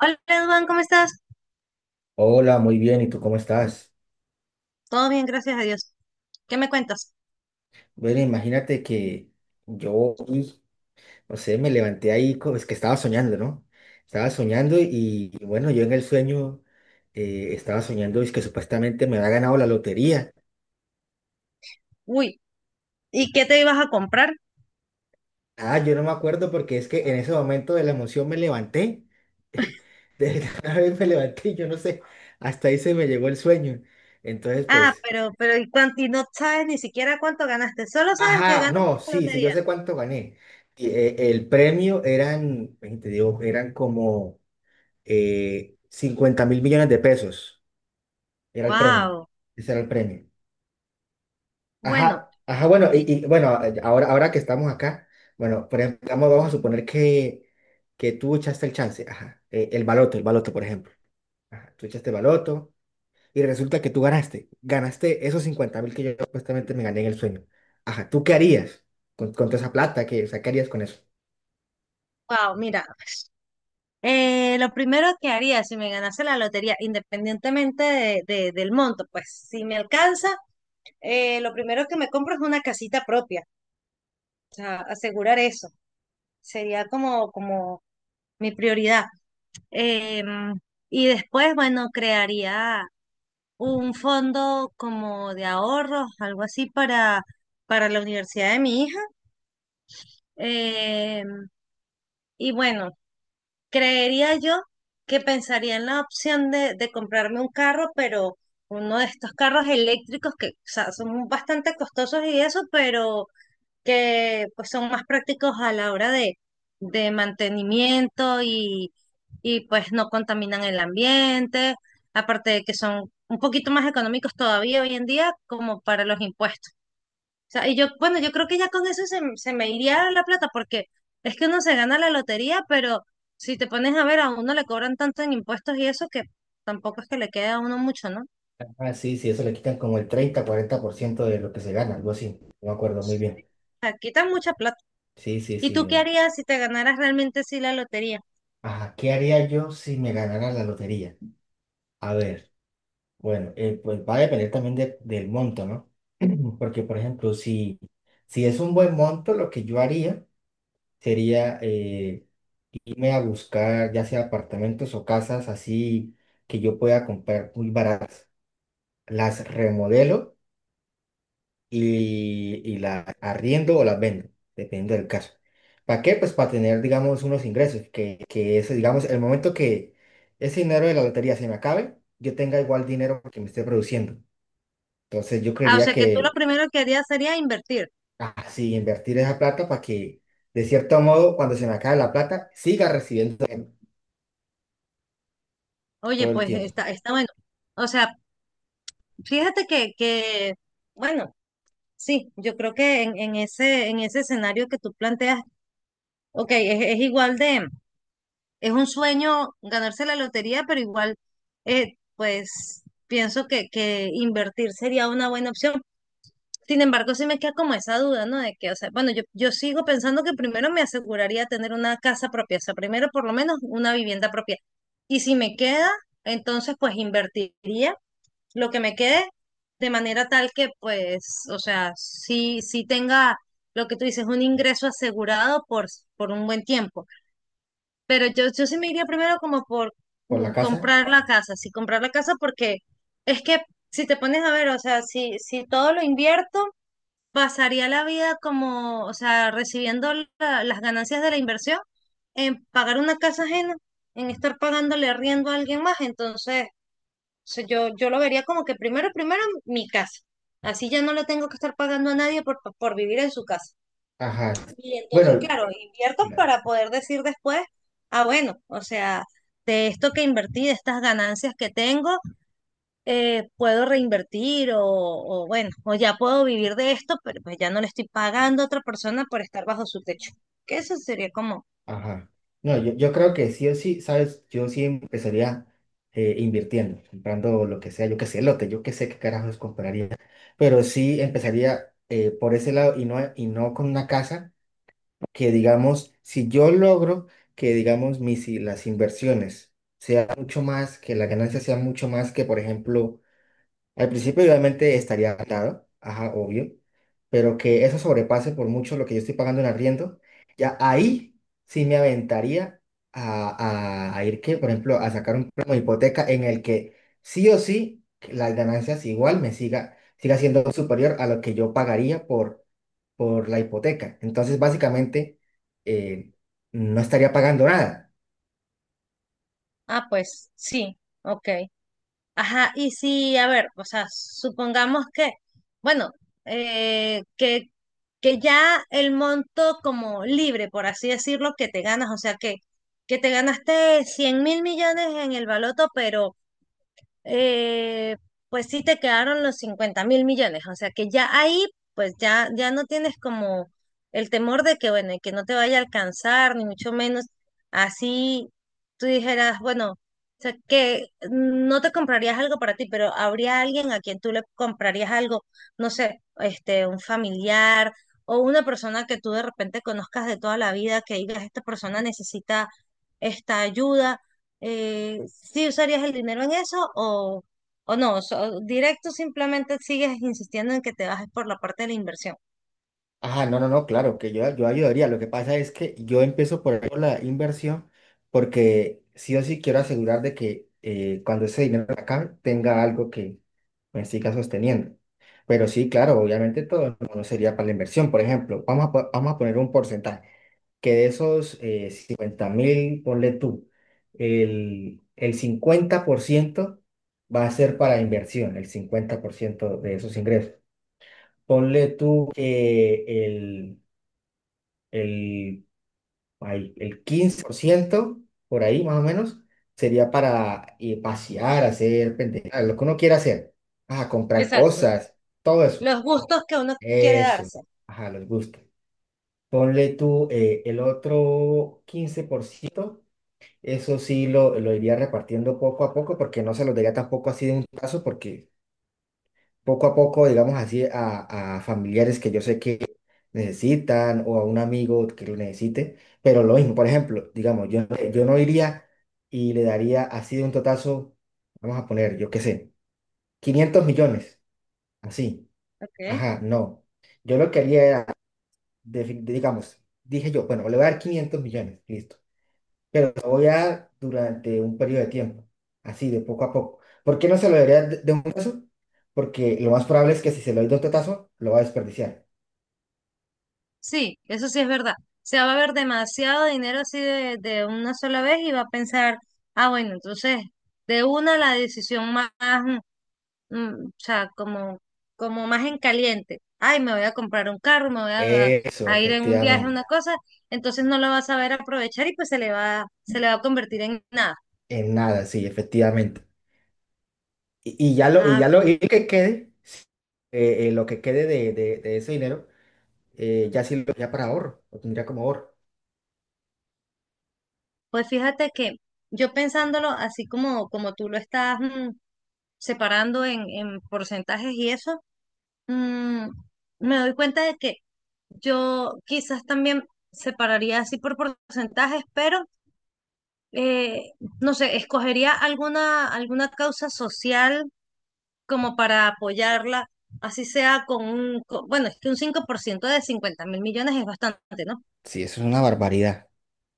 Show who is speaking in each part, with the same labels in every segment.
Speaker 1: Hola, Edwin, ¿cómo estás?
Speaker 2: Hola, muy bien, ¿y tú cómo estás?
Speaker 1: Todo bien, gracias a Dios. ¿Qué me cuentas?
Speaker 2: Bueno, imagínate que yo, no sé, me levanté ahí, es que estaba soñando, ¿no? Estaba soñando y bueno, yo en el sueño estaba soñando es que supuestamente me había ganado la lotería.
Speaker 1: Uy, ¿y qué te ibas a comprar?
Speaker 2: Ah, yo no me acuerdo porque es que en ese momento de la emoción me levanté, de la vez me levanté y yo no sé, hasta ahí se me llegó el sueño. Entonces,
Speaker 1: Ah,
Speaker 2: pues...
Speaker 1: pero, ¿y cuánto? Y no sabes ni siquiera cuánto ganaste, solo sabes que
Speaker 2: Ajá,
Speaker 1: ganaste
Speaker 2: no,
Speaker 1: la
Speaker 2: sí, sí, yo
Speaker 1: lotería.
Speaker 2: sé cuánto gané. Y, el premio eran, ven, te digo, eran como 50 mil millones de pesos. Era el premio.
Speaker 1: Wow.
Speaker 2: Ese era el premio.
Speaker 1: Bueno,
Speaker 2: Ajá, ajá, bueno, y,
Speaker 1: y
Speaker 2: y, bueno, ahora que estamos acá, bueno, por ejemplo, vamos a suponer que tú echaste el chance, ajá, el baloto, por ejemplo. Ajá, tú echaste baloto y resulta que tú ganaste esos 50 mil que yo supuestamente me gané en el sueño. Ajá, ¿tú qué harías con toda esa plata? ¿Qué, o sea, qué harías con eso?
Speaker 1: wow, mira, lo primero que haría si me ganase la lotería, independientemente del monto, pues si me alcanza, lo primero que me compro es una casita propia, o sea, asegurar eso. Sería como, como mi prioridad. Em, y después, bueno, crearía un fondo como de ahorros, algo así para la universidad de mi hija. Em, y bueno, creería yo que pensaría en la opción de comprarme un carro, pero uno de estos carros eléctricos que, o sea, son bastante costosos y eso, pero que pues son más prácticos a la hora de mantenimiento y pues no contaminan el ambiente, aparte de que son un poquito más económicos todavía hoy en día como para los impuestos. O sea, y yo, bueno, yo creo que ya con eso se me iría la plata porque es que uno se gana la lotería, pero si te pones a ver, a uno le cobran tanto en impuestos y eso que tampoco es que le quede a uno mucho, ¿no? O
Speaker 2: Ah, sí, sí, eso le quitan como el treinta cuarenta por ciento de lo que se gana, algo así. No me acuerdo muy bien.
Speaker 1: sea, quitan mucha plata.
Speaker 2: Sí, sí,
Speaker 1: ¿Y
Speaker 2: sí.
Speaker 1: tú qué harías si te ganaras realmente sí la lotería?
Speaker 2: Ajá, ¿qué haría yo si me ganara la lotería? A ver, bueno, pues va a depender también del monto, ¿no? Porque, por ejemplo, si es un buen monto, lo que yo haría sería irme a buscar ya sea apartamentos o casas así que yo pueda comprar muy baratas. Las remodelo y la arriendo o la vendo, dependiendo del caso. ¿Para qué? Pues para tener, digamos, unos ingresos, que ese, digamos, el momento que ese dinero de la lotería se me acabe, yo tenga igual dinero que me esté produciendo. Entonces yo
Speaker 1: Ah, o
Speaker 2: creería
Speaker 1: sea que tú lo
Speaker 2: que
Speaker 1: primero que harías sería invertir.
Speaker 2: así invertir esa plata para que, de cierto modo, cuando se me acabe la plata, siga recibiendo
Speaker 1: Oye,
Speaker 2: todo el
Speaker 1: pues
Speaker 2: tiempo
Speaker 1: está, está bueno. O sea, fíjate que, bueno, sí, yo creo que en ese escenario que tú planteas, ok, es igual de, es un sueño ganarse la lotería, pero igual, pues pienso que invertir sería una buena opción. Sin embargo, sí me queda como esa duda, ¿no? De que, o sea, bueno, yo sigo pensando que primero me aseguraría tener una casa propia, o sea, primero por lo menos una vivienda propia. Y si me queda, entonces pues invertiría lo que me quede de manera tal que pues, o sea, sí tenga lo que tú dices, un ingreso asegurado por un buen tiempo. Pero yo sí me iría primero como por
Speaker 2: por
Speaker 1: mm,
Speaker 2: la casa.
Speaker 1: comprar la casa, sí, comprar la casa porque es que si te pones a ver, o sea, si, si todo lo invierto pasaría la vida como, o sea, recibiendo las ganancias de la inversión en pagar una casa ajena, en estar pagándole arriendo a alguien más. Entonces, o sea, yo lo vería como que primero, primero mi casa. Así ya no le tengo que estar pagando a nadie por vivir en su casa.
Speaker 2: Ajá.
Speaker 1: Y entonces,
Speaker 2: Bueno,
Speaker 1: claro, invierto para poder decir después, ah, bueno, o sea, de esto que invertí, de estas ganancias que tengo, puedo reinvertir o ya puedo vivir de esto, pero pues ya no le estoy pagando a otra persona por estar bajo su techo. Que eso sería como,
Speaker 2: ajá. No, yo creo que sí o sí, ¿sabes? Yo sí empezaría invirtiendo, comprando lo que sea, yo que sé, lote, yo que sé qué carajos compraría, pero sí empezaría por ese lado y no con una casa que, digamos, si yo logro que, digamos, las inversiones sea mucho más, que la ganancia sea mucho más que, por ejemplo, al principio, obviamente, estaría atado, ajá, obvio, pero que eso sobrepase por mucho lo que yo estoy pagando en arriendo, ya ahí sí me aventaría a ir, que, por ejemplo, a sacar un préstamo de hipoteca en el que sí o sí las ganancias igual me siga siendo superior a lo que yo pagaría por la hipoteca. Entonces, básicamente, eh, no estaría pagando nada.
Speaker 1: ah, pues sí, ok. Ajá, y sí, a ver, o sea, supongamos que, bueno, eh, que, que ya el monto como libre, por así decirlo, que te ganas, o sea, que te ganaste 100.000 millones en el baloto, pero eh, pues sí te quedaron los 50.000 millones. O sea que ya ahí, pues ya, ya no tienes como el temor de que, bueno, y que no te vaya a alcanzar, ni mucho menos. Así tú dijeras, bueno, o sea, que no te comprarías algo para ti, pero habría alguien a quien tú le comprarías algo, no sé, este, un familiar o una persona que tú de repente conozcas de toda la vida, que digas, esta persona necesita esta ayuda, ¿sí usarías el dinero en eso o no? Directo simplemente sigues insistiendo en que te bajes por la parte de la inversión.
Speaker 2: Ah, no, no, no, claro, que yo ayudaría. Lo que pasa es que yo empiezo por ahí, por la inversión porque sí o sí quiero asegurar de que cuando ese dinero acá tenga algo que me siga sosteniendo. Pero sí, claro, obviamente todo no sería para la inversión. Por ejemplo, vamos a poner un porcentaje, que de esos 50 mil, ponle tú, el 50% va a ser para inversión, el 50% de esos ingresos. Ponle tú que el, el 15% por ahí más o menos sería para pasear, hacer pendejadas, lo que uno quiera hacer. Ajá, comprar
Speaker 1: Exacto.
Speaker 2: cosas, todo eso.
Speaker 1: Los gustos que uno quiere
Speaker 2: Eso,
Speaker 1: darse.
Speaker 2: ajá, les gusta. Ponle tú el otro 15% eso sí lo iría repartiendo poco a poco porque no se lo daría tampoco así de un paso porque poco a poco, digamos así, a familiares que yo sé que necesitan o a un amigo que lo necesite, pero lo mismo, por ejemplo, digamos, yo no iría y le daría así de un totazo, vamos a poner, yo qué sé, 500 millones, así,
Speaker 1: Ok.
Speaker 2: ajá, no. Yo lo que haría era, de- digamos, dije yo, bueno, le voy a dar 500 millones, listo pero lo voy a dar durante un periodo de tiempo, así de poco a poco. ¿Por qué no se lo daría de un tazo? Porque lo más probable es que si se lo doy de otro tazo, lo va a desperdiciar.
Speaker 1: Sí, eso sí es verdad. Se va a ver demasiado dinero así de una sola vez y va a pensar, ah, bueno, entonces de una la decisión más, mm, o sea, como más en caliente. Ay, me voy a comprar un carro, me voy
Speaker 2: Eso,
Speaker 1: a ir en un viaje,
Speaker 2: efectivamente.
Speaker 1: una cosa. Entonces no lo va a saber aprovechar y pues se le va a convertir en nada.
Speaker 2: En nada, sí, efectivamente. Y, y ya lo, y
Speaker 1: Ah,
Speaker 2: ya lo,
Speaker 1: pues,
Speaker 2: y lo que quede de ese dinero, ya sí lo tendría para ahorro, lo tendría como ahorro.
Speaker 1: pues fíjate que yo pensándolo así como, como tú lo estás mm, separando en porcentajes y eso, mm, me doy cuenta de que yo quizás también separaría así por porcentajes, pero eh, no sé, escogería alguna causa social como para apoyarla, así sea con un, bueno, es que un 5% de 50.000 millones es bastante, ¿no?
Speaker 2: Sí, eso es una barbaridad.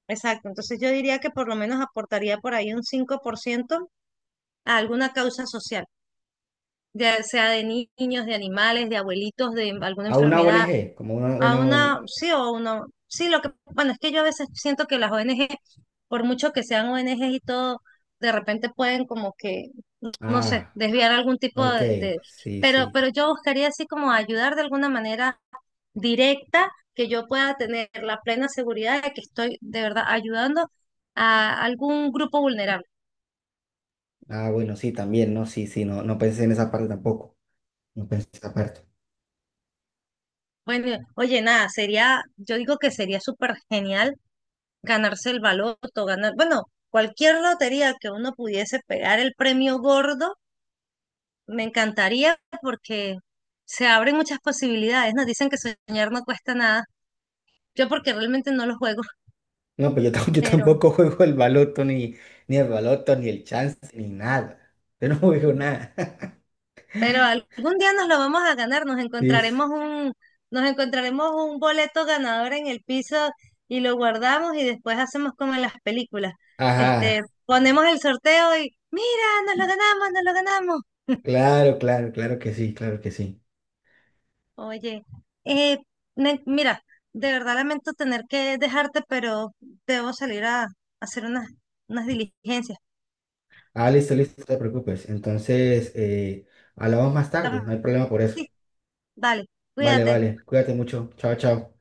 Speaker 1: Exacto, entonces yo diría que por lo menos aportaría por ahí un 5% a alguna causa social, ya sea de niños, de animales, de abuelitos, de alguna
Speaker 2: A una
Speaker 1: enfermedad
Speaker 2: ONG, como una,
Speaker 1: a
Speaker 2: una
Speaker 1: una,
Speaker 2: ONG.
Speaker 1: sí, o una, sí, lo que, bueno, es que yo a veces siento que las ONG, por mucho que sean ONGs y todo, de repente pueden como que, no sé,
Speaker 2: Ah,
Speaker 1: desviar algún tipo
Speaker 2: ok, sí, sí.
Speaker 1: pero yo buscaría así como ayudar de alguna manera directa, que yo pueda tener la plena seguridad de que estoy de verdad ayudando a algún grupo vulnerable.
Speaker 2: Ah, bueno, sí, también, no, sí, sí, no, no pensé en esa parte tampoco. No pensé aparte.
Speaker 1: Bueno, oye, nada, sería, yo digo que sería súper genial ganarse el baloto, ganar, bueno, cualquier lotería que uno pudiese pegar el premio gordo, me encantaría porque se abren muchas posibilidades. Nos dicen que soñar no cuesta nada. Yo porque realmente no lo juego,
Speaker 2: No, pues yo
Speaker 1: pero,
Speaker 2: tampoco juego el baloto, ni el baloto, ni el chance, ni nada. Yo no juego nada.
Speaker 1: pero algún día nos lo vamos a ganar,
Speaker 2: Sí.
Speaker 1: nos encontraremos un boleto ganador en el piso y lo guardamos y después hacemos como en las películas. Este,
Speaker 2: Ajá.
Speaker 1: ponemos el sorteo y mira, nos lo ganamos, nos lo ganamos.
Speaker 2: Claro, claro, claro que sí, claro que sí.
Speaker 1: Oye, eh, mira, de verdad lamento tener que dejarte, pero debo salir a hacer unas, unas diligencias.
Speaker 2: Ah, listo, listo, no te preocupes. Entonces, hablamos más tarde, no
Speaker 1: Estamos-
Speaker 2: hay problema por eso.
Speaker 1: Sí, dale,
Speaker 2: Vale,
Speaker 1: cuídate.
Speaker 2: vale. Cuídate mucho. Chao, chao.